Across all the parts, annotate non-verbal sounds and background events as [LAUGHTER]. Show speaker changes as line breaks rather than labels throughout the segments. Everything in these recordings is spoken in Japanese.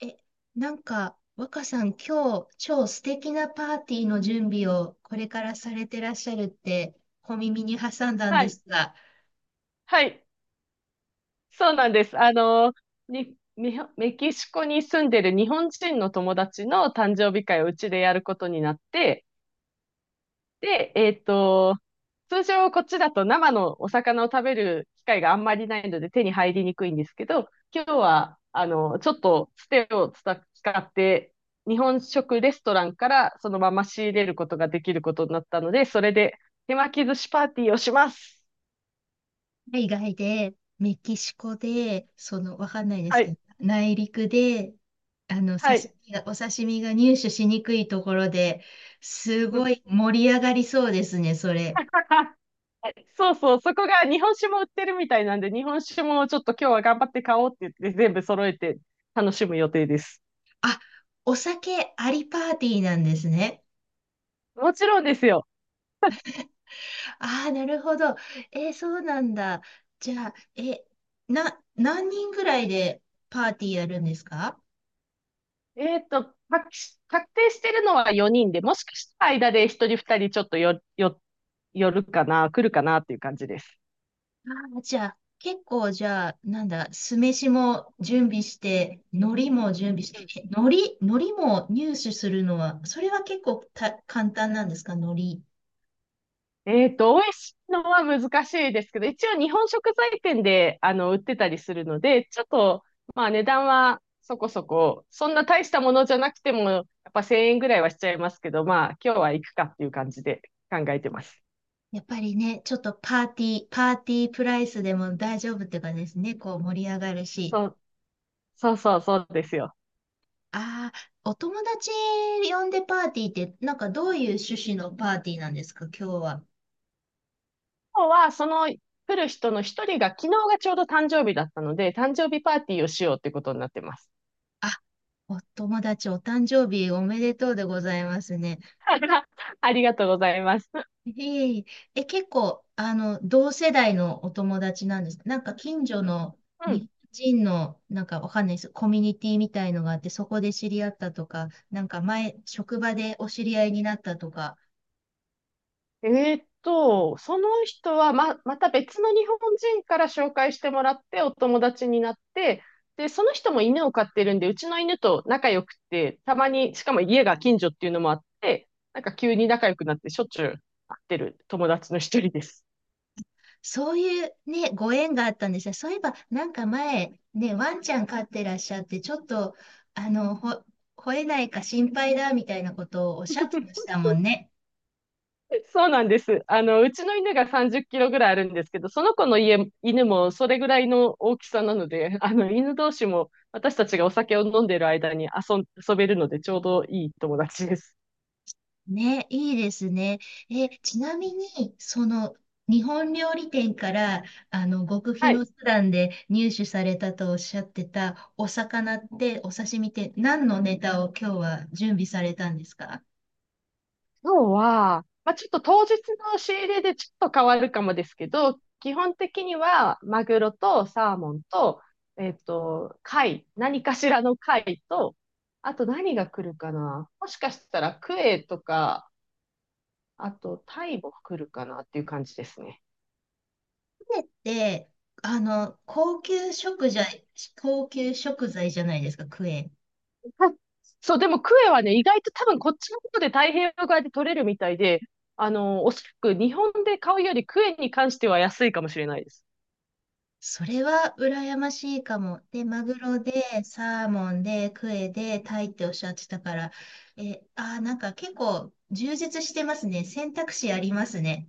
え、若さん、今日、超素敵なパーティーの準備をこれからされてらっしゃるって、小耳に挟んだん
は
で
い。
すが。
はい。そうなんです。みほメキシコに住んでる日本人の友達の誕生日会をうちでやることになって、で、通常こっちだと生のお魚を食べる機会があんまりないので手に入りにくいんですけど、今日は、ちょっとつてを使って、日本食レストランからそのまま仕入れることができることになったので、それで手巻き寿司パーティーをします。
海外で、メキシコで、わかんないです
は
け
い。
ど、内陸で、
は
刺
い。
身が、お刺身が入手しにくいところで、すごい盛り上がりそうですね、それ。
[LAUGHS] そうそう、そこが日本酒も売ってるみたいなんで、日本酒もちょっと今日は頑張って買おうって言って、全部揃えて楽しむ予定です。
あ、お酒ありパーティーなんですね。
もちろんですよ。
ああ、なるほど。そうなんだ。じゃあ、何人ぐらいでパーティーやるんですか？
えっと、確確定してるのは4人で、もしかしたら間で1人2人ちょっと寄るかな、来るかなっていう感じです。
ああ、じゃあ、結構、じゃあ、なんだ、酢飯も準備して、海苔も準備して、海苔も入手するのは、それは結構簡単なんですか、海苔。
美味しいのは難しいですけど、一応日本食材店で、売ってたりするので、ちょっと、まあ値段はそこそこ、そんな大したものじゃなくても、やっぱ1000円ぐらいはしちゃいますけど、まあ今日は行くかっていう感じで考えてます。
やっぱりね、ちょっとパーティープライスでも大丈夫っていうかですね、こう盛り上がるし。
そう、そうそうそうですよ。
ああ、お友達呼んでパーティーって、なんかどういう趣旨のパーティーなんですか、今日は。
今日はその来る人の一人が昨日がちょうど誕生日だったので、誕生日パーティーをしようってことになってます。
あ、お友達、お誕生日おめでとうでございますね。
[LAUGHS] ありがとうございます。
ええ、結構、同世代のお友達なんですか。なんか近所の
うん。
日本人の、なんかわかんないです。コミュニティみたいのがあって、そこで知り合ったとか、なんか前、職場でお知り合いになったとか。
えその人はまた別の日本人から紹介してもらってお友達になって、で、その人も犬を飼ってるんで、うちの犬と仲良くて、たまに、しかも家が近所っていうのもあって、なんか急に仲良くなってしょっちゅう会ってる友達の一人です。
そういうね、ご縁があったんですよ。そういえば、なんか前、ね、ワンちゃん飼ってらっしゃって、ちょっと、あの、ほ、吠えないか心配だみたいなことをおっしゃってまし
[LAUGHS]
たもんね。
そうなんです。うちの犬が30キロぐらいあるんですけど、その子の家、犬もそれぐらいの大きさなので、犬同士も私たちがお酒を飲んでる間に遊べるので、ちょうどいい友達です。
ね、いいですね。ちなみに、日本料理店から、極秘
はい。
の手段で入手されたとおっしゃってたお魚って、お刺身って、何のネタを今日は準備されたんですか？
今日は、まあ、ちょっと当日の仕入れでちょっと変わるかもですけど、基本的にはマグロとサーモンと、貝、何かしらの貝と、あと何が来るかな。もしかしたらクエとか、あとタイも来るかなっていう感じですね。
で、あの、高級食材、高級食材じゃないですか、クエ。
はい。そう、でもクエはね、意外と多分こっちの方で太平洋側で取れるみたいで、おそらく日本で買うよりクエに関しては安いかもしれないです。
それは羨ましいかも。で、マグロで、サーモンで、クエで、タイっておっしゃってたから、え、あー、なんか結構充実してますね。選択肢ありますね。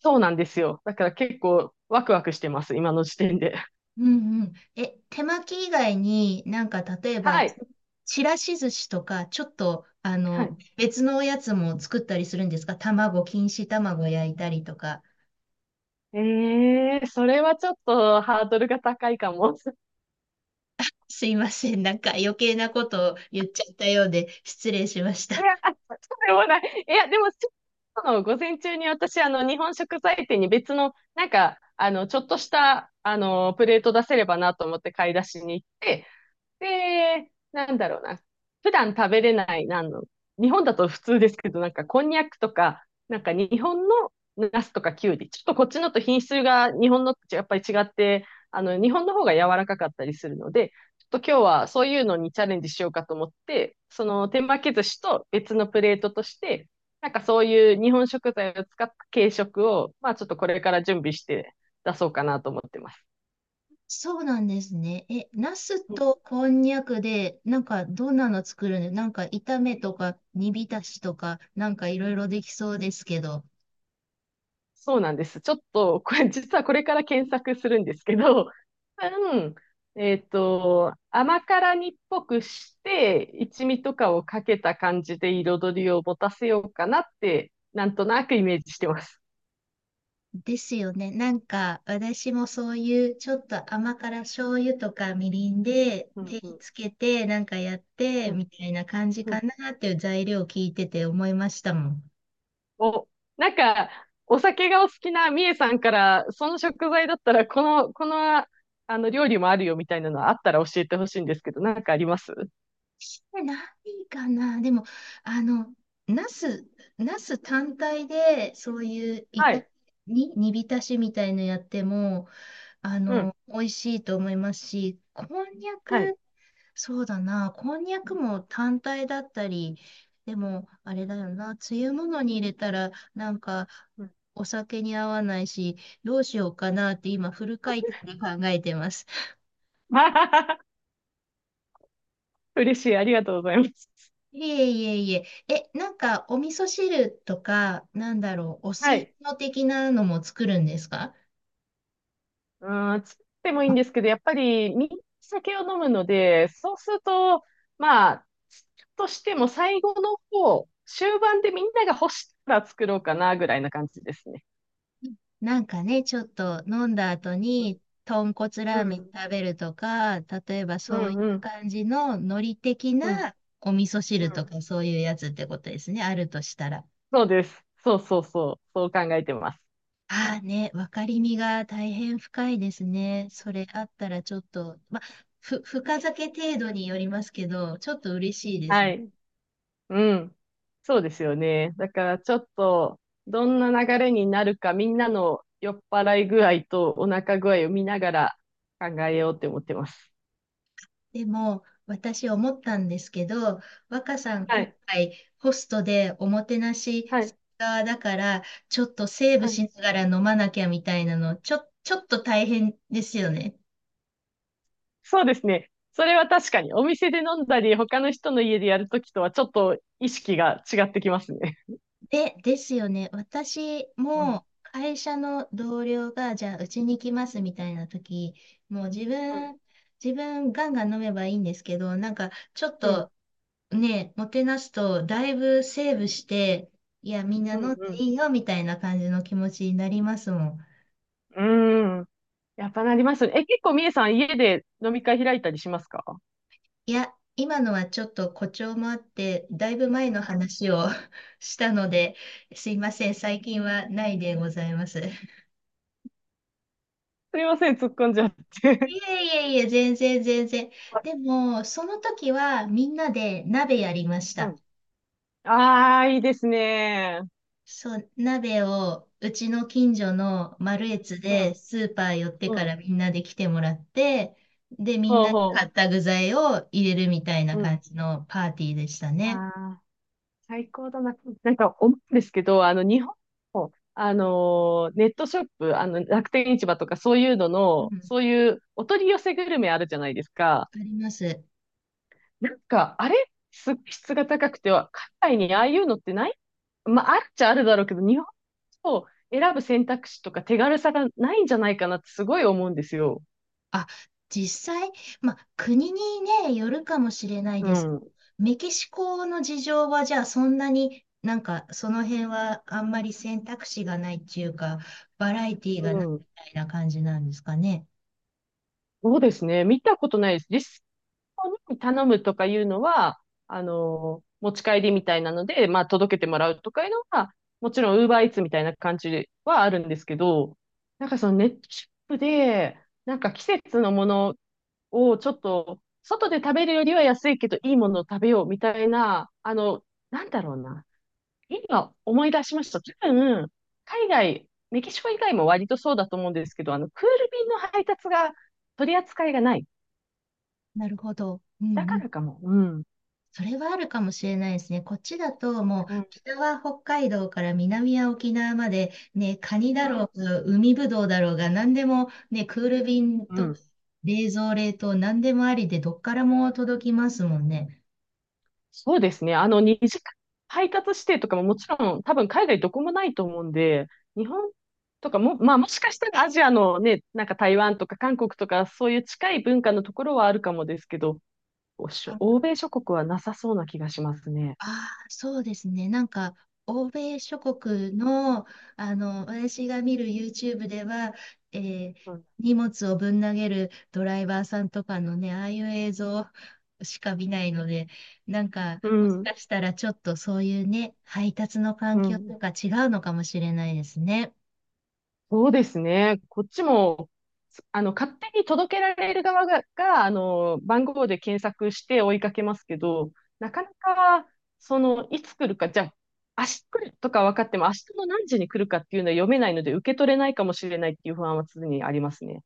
そうなんですよ。だから結構ワクワクしてます、今の時点で。[LAUGHS]
うんうん。手巻き以外になんか例えば、
はい。
ちらし寿司とか、ちょっと、
はい。
別のおやつも作ったりするんですか？卵、錦糸卵焼いたりとか。
それはちょっとハードルが高いかも。[LAUGHS]
すいません。なんか余計なことを言っちゃったようで失礼しまし
い
た。
や、あそうでもない。いや、でも、今日の午前中に私、日本食材店に別の、なんか、ちょっとした、プレート出せればなと思って買い出しに行って、で、なんだろうな。普段食べれない、なんの、日本だと普通ですけど、なんかこんにゃくとか、なんか日本のナスとかきゅうり、ちょっとこっちのと品質が日本のとやっぱり違って、日本の方が柔らかかったりするので、ちょっと今日はそういうのにチャレンジしようかと思って、その手巻き寿司と別のプレートとして、なんかそういう日本食材を使った軽食を、まあちょっとこれから準備して出そうかなと思ってます。
そうなんですね。ナスとこんにゃくで、なんかどんなの作るの？なんか炒めとか煮浸しとか、なんかいろいろできそうですけど。
そうなんです。ちょっと、これ、[LAUGHS] 実はこれから検索するんですけど、[LAUGHS] 多分、甘辛煮っぽくして、一味とかをかけた感じで彩りを持たせようかなって、なんとなくイメージしてます。
ですよね。なんか私もそういうちょっと甘辛醤油とかみりんで
うん。
手
うん。
つけてなんかやって
うん。
みたいな感じ
う
か
ん。
なっていう材料を聞いてて思いましたもん。
お、なんか、お酒がお好きなみえさんから、その食材だったら、この、料理もあるよみたいなのあったら教えてほしいんですけど、なんかあります？
してないかな。でも、あの、ナス、ナス単体で、そういうい
は
た、
い。
に、煮浸しみたいのやっても、
うん。
美味しいと思いますし、こんにゃ
はい。
く、そうだな、こんにゃくも単体だったり、でも、あれだよな、つゆものに入れたら、なんか、
うん。
お酒に合わないし、どうしようかなって今、フル回転で考えてます。
[LAUGHS] 嬉しい。ありがとうございます。
いえいえいえ。なんか、お味噌汁とか、なんだろう、お吸
は
い
い。
物的なのも作るんですか？
うん、作ってもいい
あ、
んですけど、やっぱり、みんな酒を飲むので、そうすると、まあ、作るとしても最後の方、終盤でみんなが欲したら作ろうかな、ぐらいな感じですね。
なんかね、ちょっと飲んだ後に、豚骨
う
ラーメン
ん、
食べるとか、例えば
う
そう
ん、
い
う
う
ん、
感じの海苔的
うん、
なお味噌
う
汁と
ん。
か、そういうやつってことですね、あるとしたら。
そうです。そうそうそう。そう考えてます。
ああね、分かりみが大変深いですね。それあったらちょっと、まあ、深酒程度によりますけど、ちょっと嬉しいです。
はい。うん。そうですよね。だからちょっと、どんな流れになるか、みんなの酔っ払い具合とお腹具合を見ながら考えようって思ってます。
でも、私思ったんですけど、若さん、
は
今
い。
回、ホストでおもてなし
はい。
側だから、ちょっとセーブ
はい。
しながら飲まなきゃみたいなの、ちょっと大変ですよね。
そうですね。それは確かに、お店で飲んだり、他の人の家でやるときとはちょっと意識が違ってきますね。
ですよね。私
うん。
も会社の同僚が、じゃあ、うちに来ますみたいな時、もう自
うん。
分、自分ガンガン飲めばいいんですけど、なんか、ちょっ
うん。
とね、もてなすと、だいぶセーブして、いや、みんな
う
飲んで
ん。
いいよ、みたいな感じの気持ちになりますもん。
うんうんやっぱなりますね。結構みえさん、家で飲み会開いたりしますか？
いや、今のはちょっと誇張もあって、だいぶ前の話を [LAUGHS] したので、すいません、最近はないでございます。[LAUGHS]
すみません、突っ込んじゃって。
いえいえいえ、全然全然。
[LAUGHS] はい。
でも、その時はみんなで鍋やりまし
う
た。
ん。ああ、いいですね。
そう、鍋をうちの近所のマルエツ
う
で
ん、
スーパー寄って
う
か
ん。
らみんなで来てもらって、で、みん
ほう
なで買っ
ほ
た具材を入れるみたいな
う。うん。
感じのパーティーでした
あ
ね。
あ、最高だな。なんか思うんですけど、日本の、ネットショップ、楽天市場とかそういうの
う
の、
ん、
そういうお取り寄せグルメあるじゃないですか。
あります。
なんか、あれ、すごい質が高くては、海外にああいうのってない？まあ、あるっちゃあるだろうけど、日本を選ぶ選択肢とか手軽さがないんじゃないかなってすごい思うんですよ。
あ、実際、まあ、国にね、よるかもしれない
う
です。
ん。
メキシコの事情はじゃあそんなになんかその辺はあんまり選択肢がないっていうか、バラエティーが
う
ないみ
ん。
たいな感じなんですかね。
そうですね。見たことないです。実に頼むとかいうのは、持ち帰りみたいなので、まあ、届けてもらうとかいうのは、もちろん、ウーバーイーツみたいな感じはあるんですけど、なんかそのネットショップで、なんか季節のものをちょっと、外で食べるよりは安いけど、いいものを食べようみたいな、なんだろうな。今思い出しました。多分、海外、メキシコ以外も割とそうだと思うんですけど、クール便の配達が取り扱いがない。
なるほど。うん
だか
うん。
らかも。うん。
それはあるかもしれないですね。こっちだともう
うん、う
北は北海道から南は沖縄までね、カニだろう
ん。
が、海ぶどうだろうが、何でもね、クール便
う
と
ん。
冷蔵冷凍何でもありでどっからも届きますもんね。
そうですね。二次配達指定とかももちろん、多分海外どこもないと思うんで、日本とかも、まあもしかしたらアジアのね、なんか台湾とか韓国とか、そういう近い文化のところはあるかもですけど、おしょ欧米諸国はなさそうな気がしますね。
ああ、そうですね。なんか、欧米諸国の、私が見る YouTube では、えー
うん。
荷物をぶん投げるドライバーさんとかのね、ああいう映像しか見ないので、なんか、
う
もし
ん。
かしたらちょっとそういうね、配達の環
う
境と
ん。
か違うのかもしれないですね。
そうですね。こっちも、勝手に届けられる側が、番号で検索して追いかけますけど、なかなか、いつ来るか、じゃあ、明日来るとか分かっても、明日の何時に来るかっていうのは読めないので、受け取れないかもしれないっていう不安は常にありますね。